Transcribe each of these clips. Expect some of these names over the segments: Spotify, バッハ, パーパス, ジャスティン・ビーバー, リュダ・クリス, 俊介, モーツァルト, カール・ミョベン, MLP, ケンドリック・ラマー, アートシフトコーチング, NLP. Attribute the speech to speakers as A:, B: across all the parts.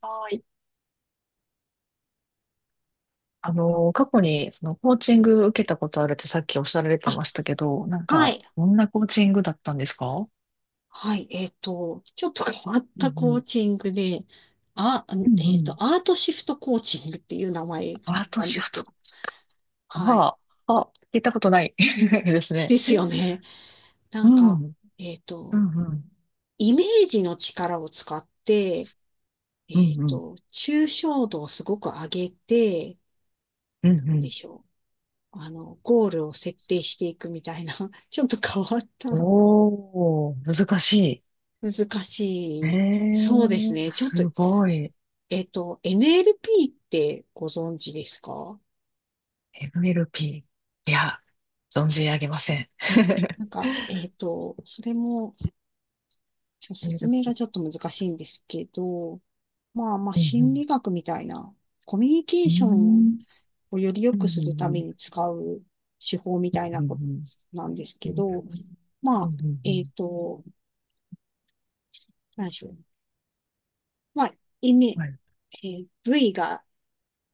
A: はい。過去にそのコーチング受けたことあるってさっきおっしゃられて
B: あ、
A: ましたけど、
B: はい。
A: どんなコーチングだったんですか？
B: はい。ちょっと変わっ
A: う
B: た
A: ん
B: コ
A: う
B: ー
A: ん。
B: チングで、あ、
A: うんうん。
B: アートシフトコーチングっていう名前なんで
A: 私
B: す
A: は
B: け
A: と
B: ど。
A: こ、
B: はい。
A: ああ、聞いたことない ですね。
B: ですよね。な
A: う
B: ん
A: ん。
B: か、えっ
A: う
B: と、
A: んうん。
B: イメージの力を使って、
A: うんうん。
B: 抽象度をすごく上げて、
A: うんう
B: なんで
A: ん。
B: しょう。あの、ゴールを設定していくみたいな、ちょっと変わった、
A: おー、難し
B: 難し
A: い。え
B: い。
A: え
B: そうです
A: ー、
B: ね。ちょっと
A: すごい。
B: NLP ってご存知ですか？
A: MLP。いや、存じ上げません。
B: なんか、それも、ちょっと説明が
A: MLP。
B: ちょっと難しいんですけど、まあまあ、
A: う
B: 心
A: ん
B: 理学みたいな、コミュニケ
A: う
B: ーション
A: ん。
B: をより良
A: うーんう
B: く
A: んう
B: する
A: んう
B: ため
A: ん
B: に使う手法み
A: うんうん
B: たいなこと
A: う
B: なんですけ
A: ん
B: ど、ま
A: う
B: あ、
A: んう
B: え
A: ん、
B: っと、何でしょう。まあ、イメ、
A: はい。
B: V が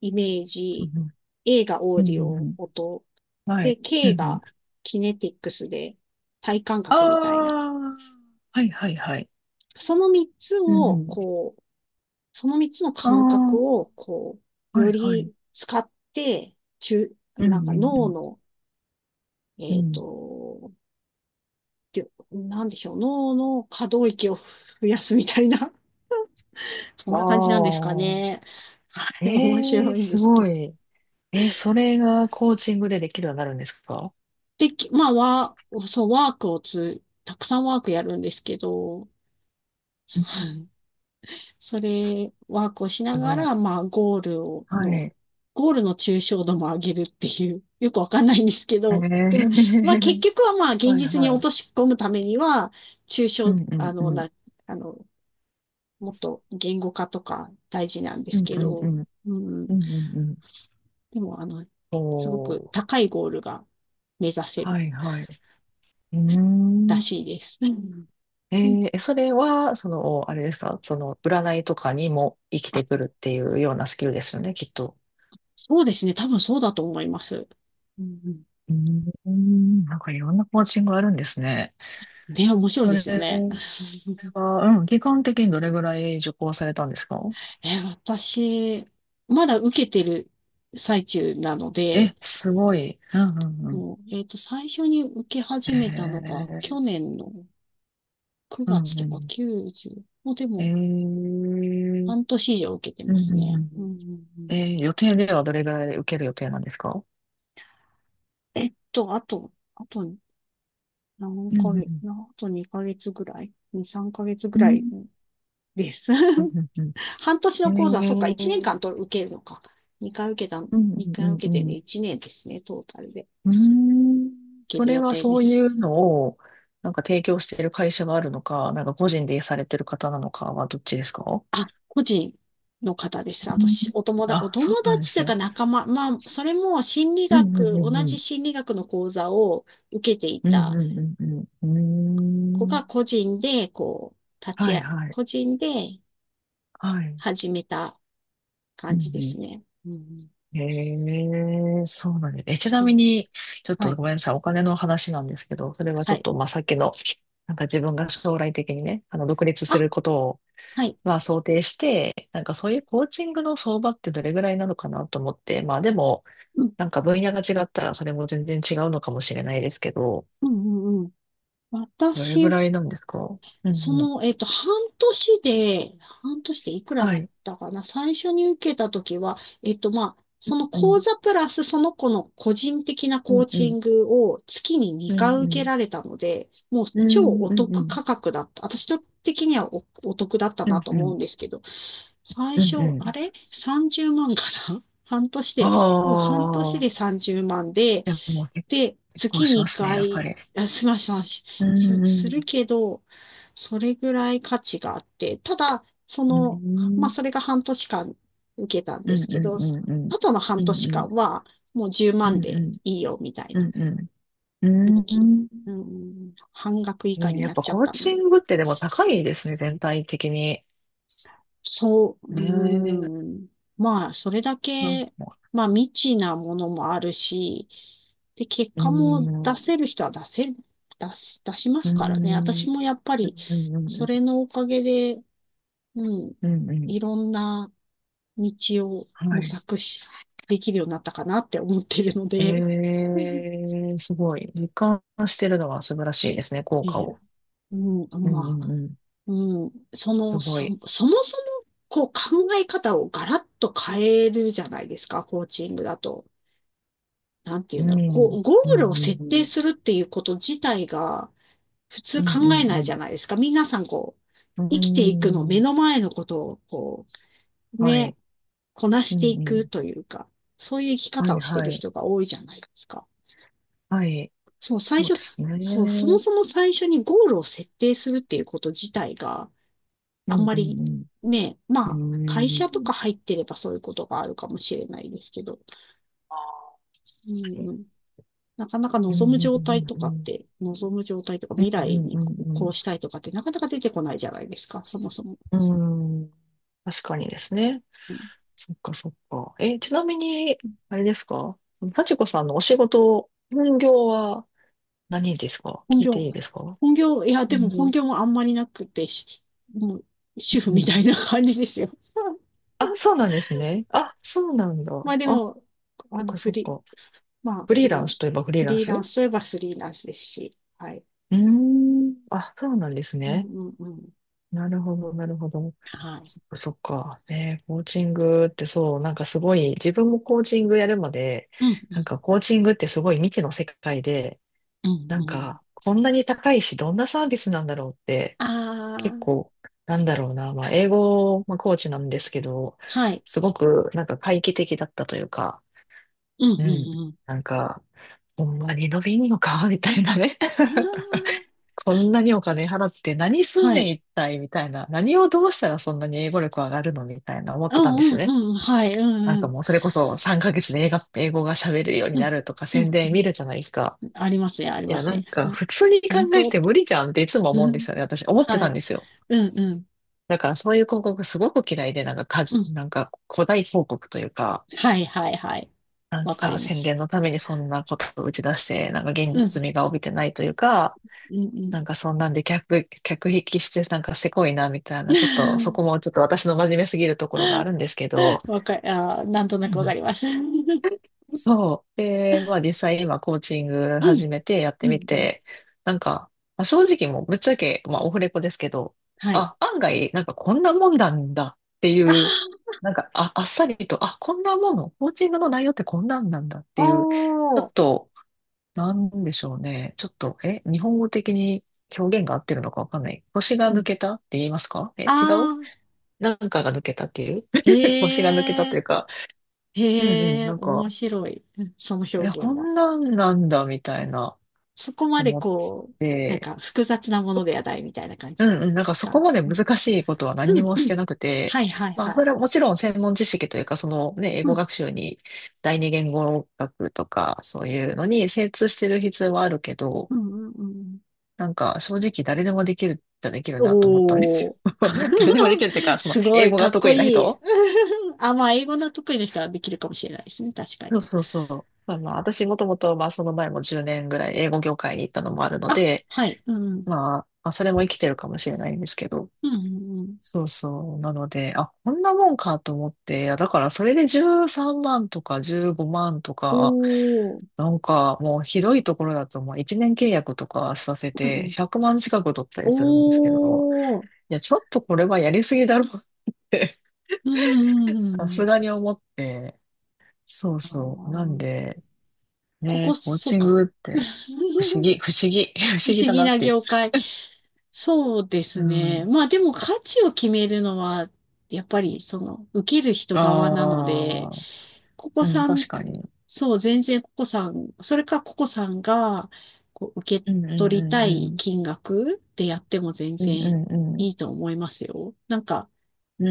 B: イメー
A: う
B: ジ、
A: ん
B: A がオ
A: う
B: ー
A: ん
B: ディ
A: うんう
B: オ、
A: ん、
B: 音、
A: は
B: で、
A: い。う
B: K
A: んうん。
B: がキネティックスで体感
A: あ
B: 覚みたいな。
A: あ、はいはいはい。
B: その3つ
A: うんう
B: を、
A: ん。
B: こう、その3つの
A: あ
B: 感覚を、こう、
A: あ、は
B: よ
A: いはい。
B: り使って、
A: うん
B: なんか
A: う
B: 脳
A: ん
B: の、
A: うん。う
B: えっ
A: ん。
B: と、なんでしょう、脳の可動域を増やすみたいな、そ
A: あ
B: んな感じなんですか
A: あ、
B: ね。はい、面
A: ええ、
B: 白いんで
A: す
B: すけ
A: ご
B: ど。
A: い。えー、それがコーチングでできるようになるんですか？
B: まあ、そう、ワークをつ、たくさんワークやるんですけど、
A: うん、
B: はい。それ、ワークをしな
A: す
B: が
A: ごい。
B: ら、まあ、
A: はい。え
B: ゴールの抽象度も上げるっていう、よくわかんないんですけど、でも、まあ、結
A: ー
B: 局はまあ、現
A: はい
B: 実に
A: は
B: 落
A: い。
B: とし込むためには、抽
A: う
B: 象、
A: んうん
B: あ
A: う
B: の、
A: ん。
B: な、あの、もっと言語化とか大事なんで
A: う
B: す
A: ん
B: け
A: うんう
B: ど、
A: ん。
B: う
A: うんう
B: ん、
A: んうん。
B: でも、あの、すご
A: お
B: く
A: ー。
B: 高いゴールが目指せ
A: は
B: る
A: いはい。うー
B: らし
A: ん。
B: いです。うん
A: え
B: うん。
A: ー、え、それは、あれですか、占いとかにも生きてくるっていうようなスキルですよね、きっと。
B: そうですね。多分そうだと思います。うんうん。
A: うーん、いろんなコーチングあるんですね。
B: ね、面白い
A: そ
B: で
A: れ
B: すよね。
A: は、うん、期間的にどれぐらい受講されたんですか？
B: え、私、まだ受けてる最中なので、
A: え、すごい。うんうんうん。
B: もう、最初に受け
A: へ
B: 始めたのが、去
A: え、
B: 年の
A: う
B: 9月
A: んう
B: とか
A: ん。
B: 90、もうで
A: えー、
B: も、
A: うん
B: 半年以上受けて
A: う
B: ます
A: ん
B: ね。
A: う
B: うんう
A: ん。
B: んうん。
A: えー、予定ではどれぐらい受ける予定なんですか？
B: あと何
A: うん
B: ヶ
A: う
B: 月、
A: ん
B: あと2ヶ月ぐらい？ 2、3ヶ月ぐ
A: う
B: らい
A: ん。
B: です。
A: うん うんうん。
B: 半年
A: え
B: の講座、そうか、1年
A: ー、
B: 間と受けるのか。2回受けた、
A: うん
B: 二
A: う
B: 回
A: んう
B: 受けて
A: んう
B: ね、
A: ん。
B: 1年ですね、トータルで
A: うーん。
B: 受け
A: そ
B: る
A: れ
B: 予
A: は
B: 定
A: そ
B: で
A: うい
B: す。
A: うのを、提供している会社があるのか、個人でされてる方なのかはどっちですか？
B: あ、個人の方です。あ
A: う
B: と
A: ん、
B: し、お友達、お
A: あ、そう
B: 友
A: なんで
B: 達とい
A: す
B: う
A: ね。
B: か仲間、まあ、それも心理
A: うんう
B: 学、
A: んうん
B: 同
A: う
B: じ
A: ん。
B: 心理学の講座を受けてい
A: うん
B: た
A: うんうんう
B: 子
A: ん。うー
B: が
A: ん。
B: 個人で、こう、立ち
A: はい
B: 会、
A: はい。
B: 個人で
A: はい。
B: 始めた
A: う
B: 感
A: ん
B: じです
A: う
B: ね。うん、
A: ん。へえ、そうなんです。え、ちな
B: そ
A: み
B: う。
A: に、ちょっ
B: は
A: と
B: い。
A: ごめんなさい。お金の話なんですけど、それはち
B: は
A: ょっ
B: い。
A: と、さっきの、自分が将来的にね、独立す
B: あ、
A: ることを
B: はい。
A: まあ想定して、そういうコーチングの相場ってどれぐらいなのかなと思って、まあでも、
B: うん、
A: 分野が違ったらそれも全然違うのかもしれないですけど、
B: うん、うん、うん。
A: どれぐ
B: 私
A: らいなんですか？う
B: そ
A: んうん。
B: の、半年でいくら
A: は
B: だっ
A: い。
B: たかな。最初に受けたときは、まあ、その
A: う
B: 講
A: ん
B: 座プラスその子の個人的な
A: うん。
B: コー
A: うん
B: チ
A: うん。
B: ングを月に
A: うん
B: 2回受
A: う
B: け
A: ん。
B: られたので、もう
A: う
B: 超
A: んう
B: お
A: んう
B: 得
A: ん。
B: 価格だった。私的にはお得だった
A: う
B: な
A: ん
B: と
A: う
B: 思う
A: ん。
B: んですけど、最
A: うんう
B: 初、
A: ん。
B: あれ？ 30 万かな 半年
A: あ
B: で、でも半年で
A: あ、
B: 30万で、
A: でも結
B: で、
A: 構
B: 月
A: し
B: に
A: ますね、
B: 2
A: やっぱ
B: 回、
A: り。
B: あ、ますましませ
A: う
B: し
A: んう
B: する
A: ん。
B: けど、それぐらい価値があって、ただ、そ
A: う
B: の、まあ、
A: ん
B: それが半年間受けたんで
A: うん
B: す
A: う
B: け
A: ん
B: ど、
A: うんうん。
B: あとの
A: う
B: 半
A: ん
B: 年
A: うん。
B: 間は、もう10
A: う
B: 万
A: んう
B: で
A: ん。
B: いいよ、みたい
A: う
B: な、
A: んうん。うん、ああ、でも結構しますね、やっぱり、うんうん
B: 2
A: うんうんうんうんうんうんうんうんうんう
B: 期。
A: ん。
B: うん、半額以
A: え
B: 下
A: ー、
B: に
A: やっ
B: なっ
A: ぱ
B: ちゃっ
A: コー
B: たの
A: チ
B: で。
A: ングってでも高いですね、全体的に。
B: そう、う
A: えー、
B: ーん。まあ、それだ
A: なん
B: け、
A: か、
B: まあ、未知なものもあるし、で、結
A: うー
B: 果も
A: ん、
B: 出
A: う
B: せる人は出せる、出しま
A: ー
B: すからね。
A: ん、う
B: 私
A: ん、
B: もやっぱ
A: う
B: り、
A: ん、う
B: そ
A: ん、
B: れのおかげで、うん、
A: うん、うん、
B: いろんな道を
A: は
B: 模
A: い。
B: 索し、できるようになったかなって思ってるので、
A: え
B: うん
A: ー、すごい。実感してるのは素晴らしいですね、効果
B: え
A: を。
B: うん、
A: うん、う
B: まあ。
A: ん、うん。
B: うん、そ
A: す
B: の、
A: ご
B: そ、
A: い。
B: そもそも、こう考え方をガラッと変えるじゃないですか、コーチングだと。なんてい
A: う
B: うんだ
A: ん、
B: ろう。
A: う
B: こ
A: ん、
B: う、ゴ
A: う
B: ールを設定
A: ん、
B: するっていうこと自体が、普
A: う
B: 通
A: ん、う
B: 考え
A: ん、
B: な
A: う
B: いじ
A: ん、
B: ゃないですか。皆さん、こう、
A: う
B: 生きていくの、
A: ん
B: 目
A: う
B: の
A: ん、
B: 前のことを、こう、
A: は
B: ね、
A: い。
B: こな
A: う
B: し
A: ん、
B: てい
A: う
B: く
A: ん。
B: というか、そういう生き
A: は
B: 方
A: い、
B: をして
A: は
B: る
A: い、
B: 人が多いじゃないですか。
A: はい。
B: そう、最
A: そう
B: 初、
A: ですね。
B: そう、そ
A: う
B: も
A: ん、
B: そも最初にゴールを設定するっていうこと自体が、
A: う
B: あん
A: ん、
B: ま
A: う
B: り
A: ん。
B: ね、
A: う
B: まあ、会社と
A: ーん。
B: か入ってればそういうことがあるかもしれないですけど、うんうん、なかなか
A: うんう
B: 望む
A: ん
B: 状
A: う
B: 態
A: ん
B: と
A: う
B: かっ
A: ん
B: て、望む状態とか未
A: う
B: 来
A: ん
B: に
A: う
B: こう、こう
A: ん
B: したいとかってなかなか出てこないじゃないですか、そもそも。
A: うんうん、確かにですね。
B: うん、
A: そっかそっか。え、ちなみに、あれですか、幸子さんのお仕事、本業は何ですか？
B: 本
A: 聞いて
B: 業、
A: いいですか？
B: 本業、いや、でも
A: 本
B: 本
A: 業。
B: 業もあんまりなくて、しもう主婦
A: う
B: みたい
A: ん。
B: な感じですよ。
A: あ、そうなんですね。あ、そうなんだ。
B: まあで
A: あ、
B: も、あ
A: そっ
B: の、
A: か
B: フ
A: そっ
B: リー、
A: か。
B: まあ、
A: フリ
B: こ
A: ーラン
B: の
A: スといえばフリー
B: フ
A: ラン
B: リー
A: ス、
B: ラン
A: う
B: スといえばフリーランスですし、はい。
A: ーん。あ、そうなんです
B: うん
A: ね。
B: うんうん。
A: なるほど、なるほど。
B: はい。
A: そっか、そっか。ね、コーチングってそう、すごい、自分もコーチングやるまで、
B: うんうん。
A: コーチングってすごい未知の世界で、
B: うんうん。
A: こんなに高いし、どんなサービスなんだろうって、
B: あ
A: 結
B: あ、
A: 構、なんだろうな、英語、コーチなんですけど、
B: はい。
A: すごく、回帰的だったというか、
B: うんう
A: うん、
B: んうん。
A: なんか、ほんまに伸びんのか、みたいなね。
B: あ
A: こんなにお金払って何
B: あ、
A: すん
B: は
A: ねん
B: い。
A: 一体みたいな。何をどうしたらそんなに英語力上がるのみたいな思っ
B: う
A: てたんです
B: ん
A: よ
B: う
A: ね。
B: んうん。はい。うんうん。
A: もうそれこそ3ヶ月で英語が喋れるように
B: うん
A: なるとか
B: う
A: 宣
B: ん
A: 伝見るじゃないですか。
B: うん。ありますね、あり
A: い
B: ま
A: や、
B: すね。はい。
A: 普通に考
B: 本
A: え
B: 当。
A: て無理じゃんっていつも思う
B: う
A: んで
B: ん。
A: すよね。私思って
B: は
A: たん
B: い。
A: ですよ。
B: うんうん。
A: だからそういう広告すごく嫌いで、なんかか
B: う
A: じ、
B: ん。
A: なんか誇大広告というか、
B: はいはいはい。わかりま
A: 宣
B: す。
A: 伝のためにそんなことを打ち出して、現
B: う
A: 実
B: ん。
A: 味が帯びてないというか、
B: うんうん。
A: そんなんで客引きしてなんかせこいなみたいな、ちょっとそこもちょっと私の真面目すぎるところがあるんですけど、
B: あー、なんとな
A: う
B: くわか
A: ん、
B: ります。うん
A: そう。で、まあ実際今コーチング
B: うん
A: 始めてやって
B: う
A: み
B: ん。
A: て、まあ、正直もうぶっちゃけ、まあオフレコですけど、
B: はい。
A: あ、案外なんかこんなもんなんだっていう、
B: あ
A: あ、あっさりと、あ、こんなもの、コーチングの内容ってこんなんなんだっ
B: あ、
A: ていう、ちょ
B: おー。
A: っとなんでしょうね。ちょっと、え、日本語的に表現が合ってるのかわかんない。腰が
B: う
A: 抜
B: ん。
A: けたって言いますか、
B: あ
A: え、違う、
B: あ、
A: なんかが抜けたっていう 腰が抜けた
B: へ
A: とい
B: え。
A: うか、うんう
B: へ
A: ん、
B: え、面白い。うん。その表
A: え、こ
B: 現は、
A: んなんなんだ、みたいな、
B: そこまで
A: 思っ
B: こう、なん
A: て、
B: か複雑なものではないみたいな感
A: う
B: じで
A: んうん、
B: す
A: そこ
B: か？
A: まで
B: うん、
A: 難しいことは
B: う
A: 何に
B: ん、
A: も
B: う
A: し
B: ん。
A: てなくて、
B: はいはい
A: まあ、
B: は
A: そ
B: い。
A: れはもちろん専門知識というか、そのね、英
B: う
A: 語
B: ん、
A: 学習に、第二言語学とか、そういうのに精通してる必要はあるけど、
B: うん、うん、うん。
A: 正直誰でもできるじゃできるなと思ったんで
B: お
A: す
B: ー。
A: よ。誰でもできるっていうか、その
B: すご
A: 英
B: い、
A: 語
B: か
A: が
B: っ
A: 得
B: こ
A: 意な
B: いい。
A: 人、
B: あ、まあ、英語の得意な人はできるかもしれないですね。確かに。
A: そうそうそう。まあまあ、私もともと、まあその前も10年ぐらい英語業界に行ったのもあるの
B: あ、
A: で、
B: はい。うん、
A: まあそれも生きてるかもしれないんですけど。
B: うん、うん、うん。
A: そうそう。なので、あ、こんなもんかと思って、いやだからそれで13万とか15万とか、
B: おー。
A: もうひどいところだと、まあ1年契約とかさせ
B: うんう
A: て
B: ん
A: 100万近く取ったりするんですけど、
B: おー。
A: いや、ちょっとこれはやりすぎだろうって
B: うん、うん、う
A: さ
B: んう
A: す
B: ん。
A: がに思って、そう
B: あ
A: そう。なん
B: ー
A: で、
B: ここ、
A: ね、コー
B: そう
A: チン
B: か。
A: グって、不思議、不
B: 不
A: 思議
B: 思
A: だ
B: 議
A: なっ
B: な
A: ていう。
B: 業界。そうで
A: う
B: すね。
A: ん。
B: まあでも価値を決めるのは、やっぱりその、受ける人側なので、
A: ああ、
B: ここ
A: うん、
B: さん、
A: 確かに。
B: そう、全然ここさん、それかここさんが、こう、受け
A: うんうん
B: 取
A: う
B: りた
A: んう
B: い
A: ん。
B: 金額でやっても全
A: うん
B: 然
A: う
B: い
A: んうん。
B: いと思いますよ。なんか、
A: う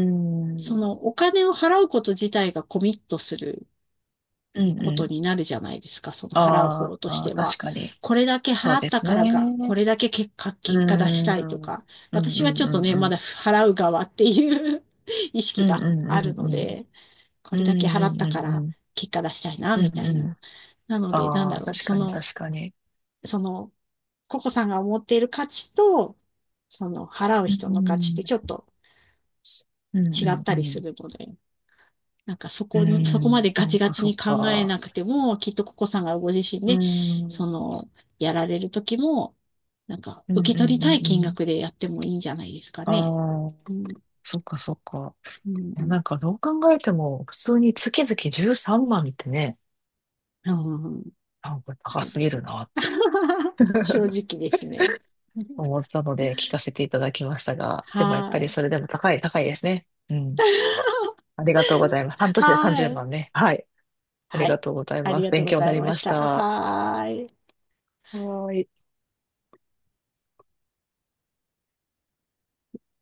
B: そ
A: ん。
B: の、お金を払うこと自体がコミットする
A: うん
B: こ
A: う
B: とに
A: ん。
B: なるじゃないですか、その払う
A: あ
B: 方とし
A: あ、
B: て
A: 確
B: は。
A: かに。
B: これだけ
A: そ
B: 払
A: う
B: っ
A: で
B: た
A: す
B: か
A: ね。
B: らが、これだけ結果、
A: うー
B: 結果出したいと
A: ん。うん
B: か、
A: う
B: 私は
A: ん
B: ちょっ
A: う
B: とね、
A: ん
B: ま
A: うん。
B: だ払う側っていう 意
A: う
B: 識
A: ん
B: が
A: うん
B: ある
A: うん
B: の
A: うん。
B: で、こ
A: う
B: れだけ
A: ん
B: 払
A: う
B: っ
A: ん
B: た
A: う
B: か
A: んう
B: ら
A: ん。
B: 結果出したいな、
A: うん
B: みた
A: う
B: いな。なの
A: ん。
B: で、なん
A: あ
B: だ
A: あ、
B: ろう、
A: 確
B: そ
A: かに
B: の、
A: 確かに。
B: その、ココさんが思っている価値と、その、払う
A: う
B: 人の価値っ
A: ん。
B: てちょっと
A: うんう
B: 違っ
A: ん
B: た
A: う
B: りす
A: ん。
B: るので、なんかそ
A: う
B: こに、そこま
A: ん、
B: でガ
A: そう
B: チガ
A: か
B: チ
A: そう
B: に考え
A: か。
B: なくても、きっとココさんがご自身
A: う
B: で、
A: ん。う
B: そ
A: ん
B: の、やられる時も、なんか
A: うんう
B: 受
A: ん
B: け取りたい
A: う
B: 金
A: ん。
B: 額でやってもいいんじゃないですか
A: あ
B: ね。
A: あ、
B: うん、う
A: そっかそっか。
B: ん、
A: い
B: う
A: や、
B: ん、
A: どう考えても、普通に月々13万ってね、
B: うんうん。
A: 高
B: そう
A: す
B: で
A: ぎ
B: す。
A: るなって
B: 正直ですね。
A: 思ったので聞かせていただきましたが、でもやっ
B: は
A: ぱり
B: い。
A: それでも高いですね。うん。ありがとうございます。半年で
B: は
A: 30
B: い。
A: 万ね。はい。あり
B: は
A: が
B: い。
A: とうござい
B: あ
A: ま
B: り
A: す。
B: がとう
A: 勉
B: ご
A: 強に
B: ざ
A: な
B: い
A: り
B: ま
A: ま
B: し
A: した。
B: た。
A: は
B: はい。
A: ーい。